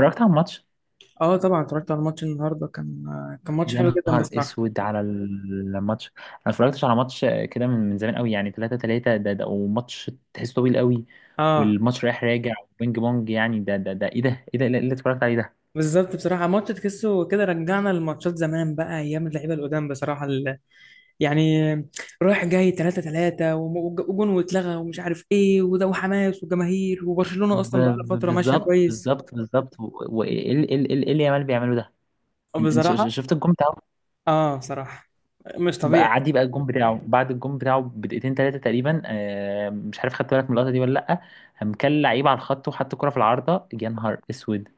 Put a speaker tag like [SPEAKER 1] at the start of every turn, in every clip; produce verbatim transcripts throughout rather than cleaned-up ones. [SPEAKER 1] اتفرجت على الماتش.
[SPEAKER 2] اه طبعا اتفرجت على الماتش النهارده كان كان ماتش
[SPEAKER 1] يا
[SPEAKER 2] حلو جدا
[SPEAKER 1] نهار
[SPEAKER 2] بصراحه.
[SPEAKER 1] اسود على الماتش، انا ما اتفرجتش على ماتش كده من من زمان قوي، يعني ثلاثة ثلاثة ده, ده وماتش تحسه طويل قوي،
[SPEAKER 2] اه
[SPEAKER 1] والماتش رايح راجع وبينج بونج، يعني ده ده ده ايه ده ايه ده إيه اللي اتفرجت عليه ده؟
[SPEAKER 2] بالظبط بصراحه، ماتش تحسه كده رجعنا لماتشات زمان بقى، ايام اللعيبه القدام بصراحه. ال- يعني رايح جاي ثلاثة ثلاثة وجون واتلغى، ومش عارف ايه وده، وحماس وجماهير، وبرشلونه
[SPEAKER 1] ب-
[SPEAKER 2] اصلا بقى لها
[SPEAKER 1] ب-
[SPEAKER 2] فتره ماشيه
[SPEAKER 1] بالظبط،
[SPEAKER 2] كويس.
[SPEAKER 1] بالظبط، بالظبط، و- وايه اللي إيه اللي إيه اللي يامال بيعمله ده؟
[SPEAKER 2] آه،
[SPEAKER 1] انت إنت ش- ش-
[SPEAKER 2] بصراحه.
[SPEAKER 1] شفت الجون بتاعه؟
[SPEAKER 2] اه صراحه مش
[SPEAKER 1] بقى
[SPEAKER 2] طبيعي.
[SPEAKER 1] عادي بقى الجون بتاعه بعد الجون بتاعه بدقيقتين ثلاثه تقريبا، آه، مش عارف، خدت بالك من اللقطه دي ولا لا؟ قام كل لعيب على الخط وحط كرة في العارضه، يا نهار اسود!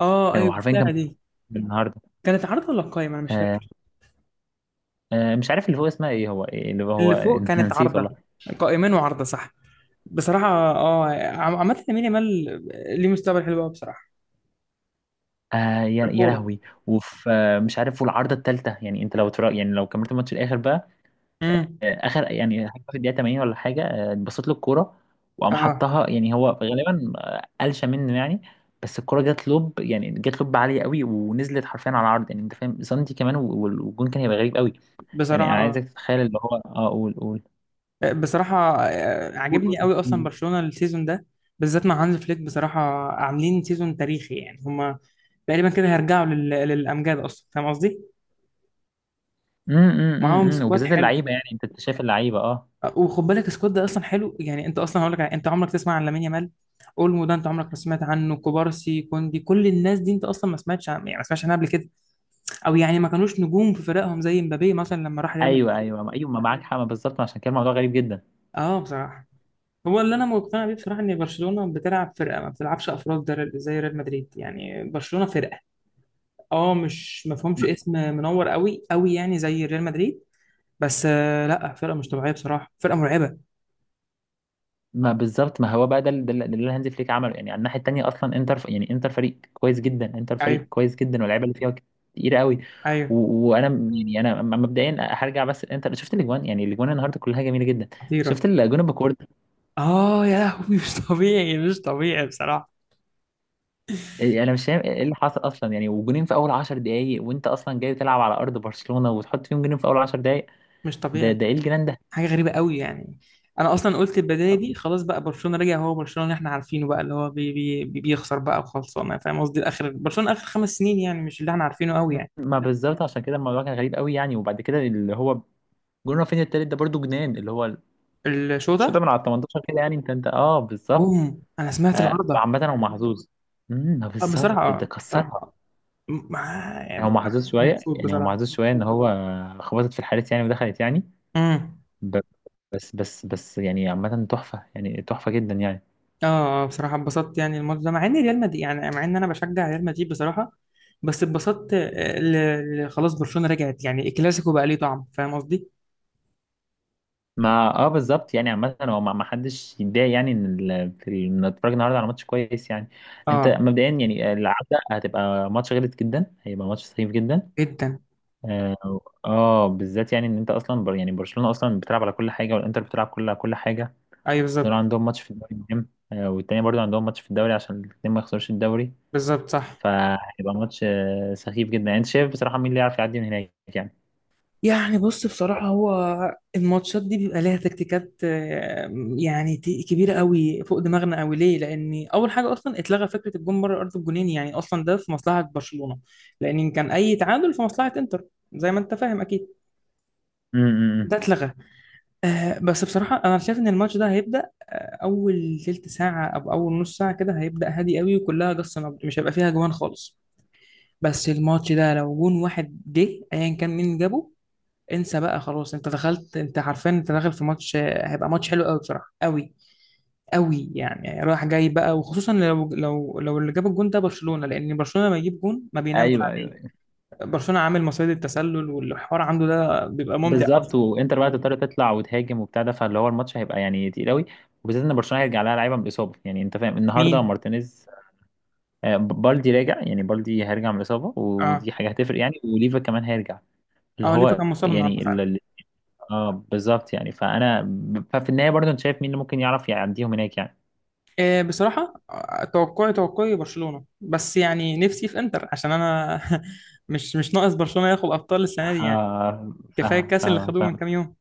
[SPEAKER 2] اه ايوه،
[SPEAKER 1] ايوه، عارفين
[SPEAKER 2] بتاع
[SPEAKER 1] كان بيعمل
[SPEAKER 2] دي.
[SPEAKER 1] إيه النهارده؟
[SPEAKER 2] كانت عارضه ولا قايمه؟ انا مش
[SPEAKER 1] آه
[SPEAKER 2] فاكر.
[SPEAKER 1] آه مش عارف اللي هو اسمها ايه، هو إيه اللي هو
[SPEAKER 2] اللي فوق كانت
[SPEAKER 1] نسيت
[SPEAKER 2] عارضه.
[SPEAKER 1] والله.
[SPEAKER 2] قائمين وعارضه صح. بصراحة اه عم- عامة لامين يامال ليه مستقبل حلو قوي بصراحة
[SPEAKER 1] آه،
[SPEAKER 2] في
[SPEAKER 1] يا يا
[SPEAKER 2] الكورة.
[SPEAKER 1] لهوي! وفي آه مش عارف، والعارضه الثالثه، يعني انت لو ترى، يعني لو كملت الماتش الاخر بقى،
[SPEAKER 2] امم.
[SPEAKER 1] آه اخر، يعني حاجه في الدقيقه ثمانين ولا حاجه، آه، اتبصت له الكوره وقام
[SPEAKER 2] اه
[SPEAKER 1] حطها، يعني هو غالبا آه، قلشه منه، يعني بس الكوره جت لوب، يعني جت لوب عاليه قوي ونزلت حرفيا على العرض، يعني انت فاهم، سنتي كمان وال- والجون كان هيبقى غريب قوي. يعني
[SPEAKER 2] بصراحة.
[SPEAKER 1] انا
[SPEAKER 2] اه
[SPEAKER 1] عايزك تتخيل اللي هو، اه قول، قول،
[SPEAKER 2] بصراحة آه،
[SPEAKER 1] قول، قول.
[SPEAKER 2] عاجبني قوي اصلا برشلونة السيزون ده، بالذات مع هانز فليك بصراحة. عاملين سيزون تاريخي يعني هما. تقريبا كده هيرجعوا لل... للامجاد، اصلا فاهم قصدي؟
[SPEAKER 1] امم
[SPEAKER 2] معاهم
[SPEAKER 1] امم
[SPEAKER 2] سكواد
[SPEAKER 1] وبالذات
[SPEAKER 2] حلو.
[SPEAKER 1] اللعيبه، يعني انت شايف اللعيبه، اه.
[SPEAKER 2] آه، وخد بالك السكواد ده اصلا حلو، يعني انت اصلا هقول لك على- انت عمرك تسمع عن لامين يامال، اولمو ده انت عمرك ما سمعت عنه، كوبارسي، كوندي، كل الناس دي انت اصلا ما سمعتش عن... يعني ما سمعتش عنها قبل كده. او يعني ما كانوش نجوم في فرقهم زي مبابي مثلا لما راح ريال مدريد.
[SPEAKER 1] ايوه، ايوه، ايوه، ما معاك حق، ما بالظبط، ما عشان كده الموضوع غريب جدا.
[SPEAKER 2] اه بصراحه. هو اللي انا مقتنع بيه بصراحه ان برشلونه بتلعب فرقه، ما بتلعبش افراد در- زي ريال مدريد. يعني برشلونه فرقه. اه مش مفهومش اسم منور قوي قوي يعني زي ريال مدريد، بس آه لا، فرقه مش طبيعيه بصراحه، فرقه مرعبه.
[SPEAKER 1] ما بالظبط، ما هو بقى ده اللي ده اللي ده اللي هانز فليك عمله، يعني على الناحيه التانيه اصلا انتر، يعني انتر فريق كويس جدا، انتر فريق
[SPEAKER 2] ايوه
[SPEAKER 1] كويس جدا، واللعيبه اللي فيها كتير قوي.
[SPEAKER 2] ايوه.
[SPEAKER 1] و- وانا م- يعني انا م- مبدئيا هرجع، بس انتر، شفت الاجوان، يعني الاجوان النهارده كلها جميله جدا، شفت
[SPEAKER 2] خطيره.
[SPEAKER 1] الاجوان بكورد.
[SPEAKER 2] اه يا لهوي مش طبيعي مش طبيعي بصراحه.
[SPEAKER 1] انا مش فاهم ايه اللي حصل اصلا، يعني وجونين في اول عشر دقائق، وانت اصلا جاي تلعب على ارض برشلونه وتحط فيهم جونين في اول عشر دقائق،
[SPEAKER 2] مش
[SPEAKER 1] ده
[SPEAKER 2] طبيعي.
[SPEAKER 1] ده ايه الجنان ده!
[SPEAKER 2] حاجه غريبه قوي يعني. انا اصلا قلت البدايه دي خلاص بقى، برشلونه رجع، هو برشلونه اللي احنا عارفينه بقى، اللي هو بي بي بي- بيخسر بقى وخلصانه، فاهم قصدي؟ الاخر برشلونه اخر خمس سنين يعني، مش اللي احنا عارفينه قوي يعني.
[SPEAKER 1] ما بالظبط، عشان كده الموضوع كان غريب قوي، يعني وبعد كده اللي هو جون رافينيا التالت ده برضو جنان، اللي هو
[SPEAKER 2] الشو
[SPEAKER 1] الشوطه
[SPEAKER 2] ده.
[SPEAKER 1] من على ال تمنتاشر كده، يعني انت انت اه بالظبط.
[SPEAKER 2] بوم، انا سمعت
[SPEAKER 1] آه
[SPEAKER 2] العارضه.
[SPEAKER 1] عامه هو محظوظ. امم،
[SPEAKER 2] آه، بصراحه.
[SPEAKER 1] بالظبط ده
[SPEAKER 2] اه بصراحه
[SPEAKER 1] كسرها.
[SPEAKER 2] آه. م- ما-
[SPEAKER 1] يعني هو محظوظ شويه،
[SPEAKER 2] مبسوط
[SPEAKER 1] يعني هو
[SPEAKER 2] بصراحه.
[SPEAKER 1] محظوظ شويه ان هو خبطت في الحارس، يعني ودخلت، يعني
[SPEAKER 2] امم.
[SPEAKER 1] ب- بس، بس، بس، يعني عامه تحفه، يعني تحفه جدا، يعني
[SPEAKER 2] اه آه، بصراحه اتبسطت يعني الماتش ده، مع ان ريال مدريد، يعني مع ان انا بشجع ريال مدريد بصراحه، بس اتبسطت آه، ل- ل- خلاص برشلونه رجعت يعني، الكلاسيكو بقى ليه طعم، فاهم قصدي؟
[SPEAKER 1] ما، اه بالظبط. يعني عامه هو، ما ما حدش يتضايق، يعني ان ال- في ال- إن نتفرج النهارده على ماتش كويس، يعني انت
[SPEAKER 2] اه
[SPEAKER 1] مبدئيا، يعني العوده هتبقى ماتش غلط جدا، هيبقى ماتش سخيف جدا،
[SPEAKER 2] جدا.
[SPEAKER 1] اه. آه، بالذات يعني ان انت اصلا، بر، يعني برشلونه اصلا بتلعب على كل حاجه، والانتر بتلعب كل على كل حاجه،
[SPEAKER 2] ايوه
[SPEAKER 1] دول
[SPEAKER 2] بالظبط.
[SPEAKER 1] عندهم ماتش في الدوري مهم، آه والتاني برضو عندهم ماتش في الدوري عشان الاثنين ما يخسروش الدوري،
[SPEAKER 2] بالظبط صح.
[SPEAKER 1] فهيبقى ماتش آه سخيف جدا، يعني انت شايف بصراحه مين اللي يعرف يعدي من هناك، يعني.
[SPEAKER 2] يعني بص بصراحة هو الماتشات دي بيبقى ليها تكتيكات آه، يعني تي- كبيرة قوي فوق دماغنا قوي. ليه؟ لأن أول حاجة أصلا اتلغى فكرة الجون بره أرض الجونين، يعني أصلا ده في مصلحة برشلونة، لأن إن كان أي تعادل في مصلحة إنتر، زي ما أنت فاهم أكيد.
[SPEAKER 1] امم،
[SPEAKER 2] ده اتلغى. آه بس بصراحة أنا شايف إن الماتش ده هيبدأ أول تلت ساعة أو أول نص ساعة كده، هيبدأ هادي قوي وكلها جس نبض، مش هيبقى فيها جوان خالص. بس الماتش ده لو جون واحد جه أيا كان مين جابه، انسى بقى خلاص، انت دخلت، انت عارفين انت داخل في ماتش هيبقى ماتش حلو قوي بصراحه، قوي قوي يعني. يعني رايح جاي بقى، وخصوصا لو لو لو اللي جاب الجون ده برشلونه، لان برشلونه لما يجيب جون ما بينامش
[SPEAKER 1] ايوه، ايوه،
[SPEAKER 2] عليه.
[SPEAKER 1] أيوة.
[SPEAKER 2] برشلونه عامل مصيدة التسلل والحوار عنده ده بيبقى ممتع
[SPEAKER 1] بالظبط،
[SPEAKER 2] اصلا.
[SPEAKER 1] وانتر بقى تضطر تطلع وتهاجم وبتاع ده، فاللي هو الماتش هيبقى يعني تقيل قوي، وبالذات ان برشلونه هيرجع لها لعيبه من الاصابه، يعني انت فاهم، النهارده
[SPEAKER 2] مين؟
[SPEAKER 1] مارتينيز، آه، بالدي راجع، يعني بالدي هيرجع من الاصابه،
[SPEAKER 2] اه.
[SPEAKER 1] ودي حاجه هتفرق، يعني وليفا كمان هيرجع، اللي
[SPEAKER 2] اه ليفا
[SPEAKER 1] هو
[SPEAKER 2] كان مصاب النهارده
[SPEAKER 1] يعني ال-
[SPEAKER 2] فعلا.
[SPEAKER 1] ال- اه بالظبط، يعني فانا، ففي النهايه برضه انت شايف مين اللي ممكن يعرف يعديهم هناك، يعني
[SPEAKER 2] آه بصراحه آه، توقعي توقعي برشلونه، بس يعني نفسي في انتر عشان انا مش مش ناقص برشلونه ياخد ابطال السنه دي يعني.
[SPEAKER 1] آه.
[SPEAKER 2] كفايه
[SPEAKER 1] فاهمك،
[SPEAKER 2] الكاس اللي
[SPEAKER 1] فاهمك،
[SPEAKER 2] خدوه من كام
[SPEAKER 1] فاهمك.
[SPEAKER 2] يوم.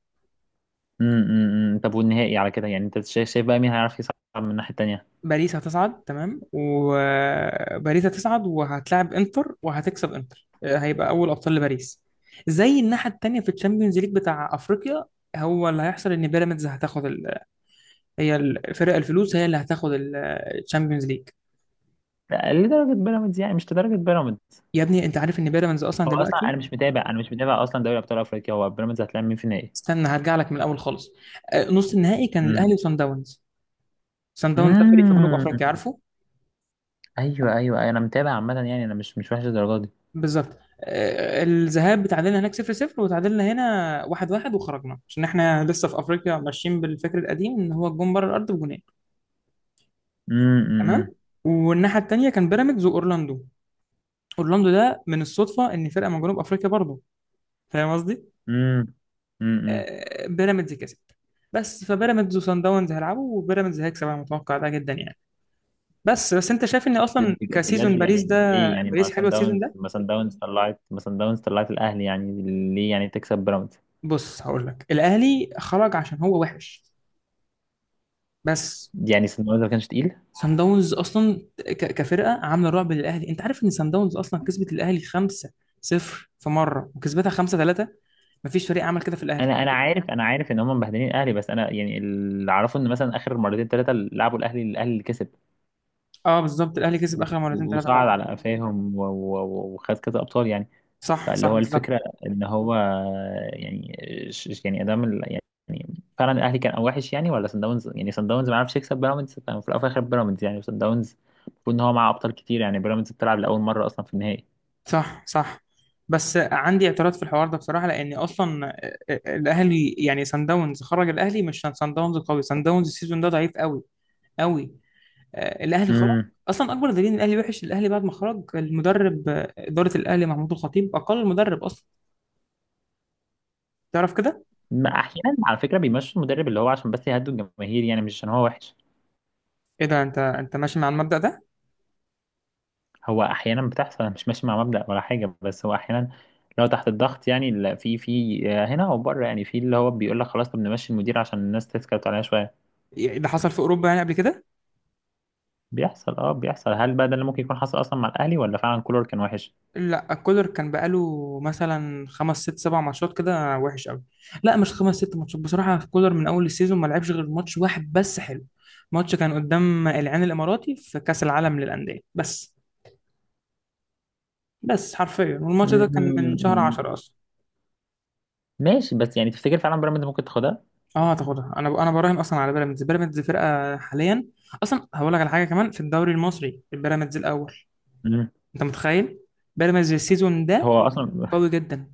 [SPEAKER 1] امم، طب والنهائي على كده، يعني انت شايف، شايف بقى مين هيعرف يصعد من الناحيه التانيه.
[SPEAKER 2] باريس هتصعد، تمام. وباريس هتصعد وهتلاعب انتر وهتكسب، انتر هيبقى اول ابطال لباريس. زي الناحيه التانيه في الشامبيونز ليج بتاع افريقيا، هو اللي هيحصل ان بيراميدز هتاخد ال... هي الفرق الفلوس هي اللي هتاخد ال- الشامبيونز ليج.
[SPEAKER 1] لا، لدرجه بيراميدز، يعني مش لدرجه بيراميدز.
[SPEAKER 2] يا ابني انت عارف ان بيراميدز اصلا
[SPEAKER 1] هو اصلا
[SPEAKER 2] دلوقتي.
[SPEAKER 1] انا مش متابع، انا مش متابع اصلا دوري ابطال افريقيا، هو بيراميدز هتلاعب مين في النهائي؟
[SPEAKER 2] استنى هرجع لك من الاول خالص. آه، نص النهائي كان
[SPEAKER 1] امم،
[SPEAKER 2] الاهلي وصن داونز. صن داونز ده فريق في جنوب
[SPEAKER 1] امم.
[SPEAKER 2] افريقيا، عارفه؟
[SPEAKER 1] ايوه، ايوه، ايوه، انا متابع عامه، يعني انا مش مش وحش الدرجه دي.
[SPEAKER 2] بالظبط. آه، الذهاب اتعادلنا هناك صفر صفر، وتعادلنا هنا واحد واحد، وخرجنا عشان احنا لسه في افريقيا ماشيين بالفكر القديم ان هو الجون بره الارض بجونين. تمام.
[SPEAKER 1] امم،
[SPEAKER 2] والناحيه التانيه كان بيراميدز واورلاندو. اورلاندو ده من الصدفه ان فرقه من جنوب افريقيا برضه، فاهم قصدي؟
[SPEAKER 1] امم، امم،
[SPEAKER 2] آه، بيراميدز كسب. بس فبيراميدز وصن داونز هيلعبوا، وبيراميدز هيكسب، انا متوقع ده جدا يعني. بس بس انت شايف ان اصلا
[SPEAKER 1] بج-
[SPEAKER 2] كسيزون
[SPEAKER 1] بجد،
[SPEAKER 2] باريس
[SPEAKER 1] يعني
[SPEAKER 2] ده،
[SPEAKER 1] ليه، يعني ما
[SPEAKER 2] باريس حلوه
[SPEAKER 1] سان
[SPEAKER 2] السيزون
[SPEAKER 1] داونز،
[SPEAKER 2] ده.
[SPEAKER 1] ما سان داونز طلعت ما سان داونز طلعت الاهلي، يعني ليه، يعني تكسب بيراميدز؟
[SPEAKER 2] بص هقول لك الاهلي خرج عشان هو وحش بس.
[SPEAKER 1] يعني سان داونز ما كانش تقيل.
[SPEAKER 2] سان داونز اصلا ك- كفرقه عامله رعب للاهلي. انت عارف ان سان داونز اصلا كسبت الاهلي خمسة صفر في مره، وكسبتها خمسة ثلاثة، مفيش فريق عمل كده في الاهلي.
[SPEAKER 1] انا انا عارف، انا عارف ان هم مبهدلين الاهلي، بس انا يعني اللي اعرفه ان مثلا اخر مرتين ثلاثه لعبوا الاهلي الاهلي اللي كسب
[SPEAKER 2] اه بالظبط الاهلي كسب
[SPEAKER 1] و-
[SPEAKER 2] اخر مرتين ثلاثه
[SPEAKER 1] وصعد
[SPEAKER 2] فعلا.
[SPEAKER 1] على قفاهم، و- و- وخد كذا ابطال، يعني
[SPEAKER 2] صح
[SPEAKER 1] فاللي
[SPEAKER 2] صح
[SPEAKER 1] هو
[SPEAKER 2] بالظبط.
[SPEAKER 1] الفكرة ان هو يعني، ش- يعني ادام ال- يعني فعلا الاهلي كان او وحش، يعني ولا سان داونز، يعني سان داونز ما عرفش يكسب بيراميدز، ففي الاول وفي الاخر بيراميدز، يعني سان داونز المفروض ان هو معاه ابطال كتير، يعني بيراميدز بتلعب لاول مرة اصلا في النهائي.
[SPEAKER 2] صح صح. بس عندي اعتراض في الحوار ده بصراحه، لان اصلا آه، آه، الاهلي، يعني سان داونز خرج الاهلي، مش سان داونز قوي، سان داونز السيزون ده ضعيف قوي قوي. آه، الاهلي خرج
[SPEAKER 1] امم.
[SPEAKER 2] اصلا. اكبر دليل ان الاهلي وحش، الاهلي بعد ما خرج المدرب آه، اداره الاهلي، محمود الخطيب، اقل مدرب اصلا تعرف كده.
[SPEAKER 1] ما احيانا على فكرة بيمشوا المدرب اللي هو عشان بس يهدوا الجماهير، يعني مش عشان هو وحش.
[SPEAKER 2] ايه ده، انت انت ماشي مع المبدأ ده؟
[SPEAKER 1] هو احيانا بتحصل، أنا مش ماشي مع مبدأ ولا حاجة، بس هو احيانا لو تحت الضغط، يعني ال- في في آه، هنا وبره، يعني في اللي هو بيقول لك خلاص، طب نمشي المدير عشان الناس تسكت عليها شوية.
[SPEAKER 2] يعني ده حصل في اوروبا يعني قبل كده.
[SPEAKER 1] بيحصل، اه بيحصل. هل بقى ده اللي ممكن يكون حصل اصلا مع الاهلي، ولا فعلا كولر كان وحش؟
[SPEAKER 2] لا، كولر كان بقاله مثلا خمس ست سبع ماتشات كده وحش قوي. لا مش خمس ست ماتشات بصراحة، كولر من اول السيزون ما لعبش غير ماتش واحد بس حلو، ماتش كان قدام العين الاماراتي في كأس العالم للأندية بس، بس حرفيا والماتش ده كان من شهر
[SPEAKER 1] مم،
[SPEAKER 2] عشرة اصلا.
[SPEAKER 1] ماشي، بس يعني تفتكر فعلا بيراميدز ممكن تاخدها؟
[SPEAKER 2] اه هتاخدها، انا انا براهن اصلا على بيراميدز، بيراميدز فرقة حاليا. اصلا هقول لك على حاجة كمان، في الدوري المصري البيراميدز الاول،
[SPEAKER 1] مم.
[SPEAKER 2] انت متخيل بيراميدز السيزون ده
[SPEAKER 1] هو اصلا،
[SPEAKER 2] قوي جدا.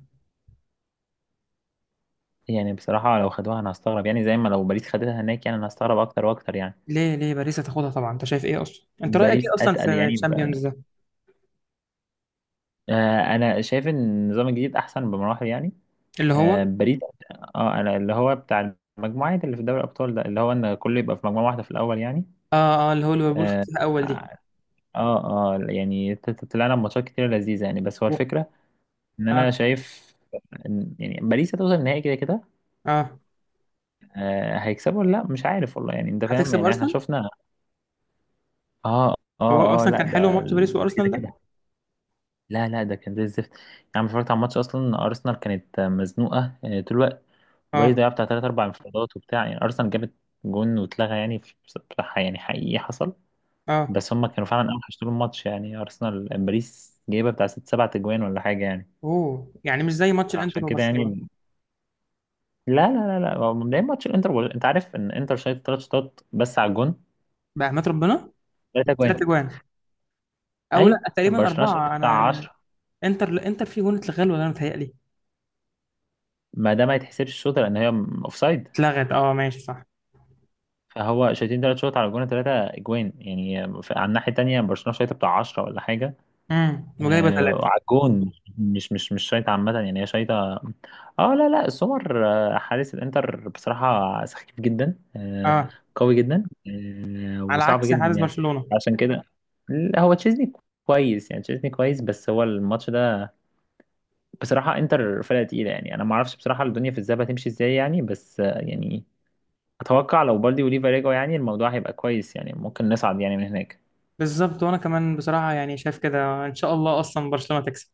[SPEAKER 1] يعني بصراحه لو خدوها انا هستغرب، يعني زي ما لو باريس خدتها هناك، يعني انا هستغرب اكتر واكتر، يعني
[SPEAKER 2] ليه ليه باريس هتاخدها طبعا، انت شايف ايه اصلا، انت رايك ايه
[SPEAKER 1] باريس
[SPEAKER 2] اصلا
[SPEAKER 1] اتقل،
[SPEAKER 2] في
[SPEAKER 1] يعني ب- انا
[SPEAKER 2] الشامبيونز ده؟
[SPEAKER 1] آه، أنا شايف ان النظام الجديد احسن بمراحل، يعني
[SPEAKER 2] اللي
[SPEAKER 1] آه،
[SPEAKER 2] هو.
[SPEAKER 1] باريس، اه انا اللي هو بتاع المجموعات اللي في دوري الابطال ده، اللي هو ان كله يبقى في مجموعه واحده في الاول، يعني
[SPEAKER 2] اه اه اللي هو ليفربول
[SPEAKER 1] اه،
[SPEAKER 2] خدتها اول دي.
[SPEAKER 1] اه آه، يعني ت- ت- طلعنا بماتشات كتير لذيذه، يعني بس هو
[SPEAKER 2] و-
[SPEAKER 1] الفكره ان انا
[SPEAKER 2] اه
[SPEAKER 1] شايف، إن- يعني باريس هتوصل النهائي كده كده.
[SPEAKER 2] اه
[SPEAKER 1] آه، هيكسبوا ولا لا؟ مش عارف والله، يعني انت فاهم،
[SPEAKER 2] هتكسب
[SPEAKER 1] يعني احنا
[SPEAKER 2] ارسنال.
[SPEAKER 1] شفنا. اه،
[SPEAKER 2] هو
[SPEAKER 1] اه، اه،
[SPEAKER 2] اصلا
[SPEAKER 1] لا
[SPEAKER 2] كان حلو
[SPEAKER 1] ده
[SPEAKER 2] ماتش باريس
[SPEAKER 1] ال-
[SPEAKER 2] وارسنال
[SPEAKER 1] كده
[SPEAKER 2] ده.
[SPEAKER 1] كده. لا، لا، ده كان زي الزفت، يعني اتفرجت على الماتش اصلا، ارسنال كانت مزنوقه آه، طول الوقت، وباريس
[SPEAKER 2] اه
[SPEAKER 1] ضيعت بتاع ثلاث اربع انفرادات وبتاع، يعني ارسنال جابت جون واتلغى، يعني في- بصراحه، يعني حقيقي حصل،
[SPEAKER 2] اه.
[SPEAKER 1] بس هم كانوا فعلا اوحش طول الماتش، يعني ارسنال، باريس جايبه بتاع ست سبع تجوان ولا حاجه، يعني
[SPEAKER 2] اوه يعني مش زي ماتش الانتر
[SPEAKER 1] فعشان كده،
[SPEAKER 2] وبرشلونه.
[SPEAKER 1] يعني، لا، لا، لا، لا، هو مبدئيا ماتش الانتر، وال- انت عارف ان انتر شايف ثلاث شوطات بس على الجون،
[SPEAKER 2] بأمانة ربنا.
[SPEAKER 1] ثلاثة
[SPEAKER 2] ثلاث
[SPEAKER 1] جوان،
[SPEAKER 2] اجوان. او لا
[SPEAKER 1] ايوه،
[SPEAKER 2] تقريبا
[SPEAKER 1] برشلونه شايف
[SPEAKER 2] اربعه،
[SPEAKER 1] بتاع
[SPEAKER 2] انا.
[SPEAKER 1] عشرة،
[SPEAKER 2] انتر انتر فيه جون اتلغى ولا انا متهيألي؟
[SPEAKER 1] ما ده ما يتحسبش الشوط لان هي م- اوفسايد،
[SPEAKER 2] اتلغت اه ماشي صح.
[SPEAKER 1] فهو شايفين ثلاث شوط على الجون، ثلاثه اجوان، يعني ف- على الناحيه الثانيه برشلونه شايف بتاع عشرة ولا حاجه،
[SPEAKER 2] امم وجايبه
[SPEAKER 1] آه،
[SPEAKER 2] ثلاثه.
[SPEAKER 1] على الجون، مش مش مش شايطة عامة، يعني هي شايطة. اه، لا، لا، سمر آه، حارس الانتر بصراحة سخيف جدا آه،
[SPEAKER 2] اه،
[SPEAKER 1] قوي جدا آه،
[SPEAKER 2] على
[SPEAKER 1] وصعب
[SPEAKER 2] عكس
[SPEAKER 1] جدا،
[SPEAKER 2] حارس
[SPEAKER 1] يعني
[SPEAKER 2] برشلونه.
[SPEAKER 1] عشان كده. لا، هو تشيزني كويس، يعني تشيزني كويس، بس هو الماتش ده بصراحة انتر فرقة تقيلة، يعني انا ما اعرفش بصراحة الدنيا في الذهاب هتمشي ازاي، يعني بس، آه، يعني اتوقع لو بالدي وليفا رجعوا، يعني الموضوع هيبقى كويس، يعني ممكن نصعد يعني من هناك
[SPEAKER 2] بالظبط، وانا كمان بصراحه يعني شايف كده ان شاء الله اصلا برشلونه تكسب.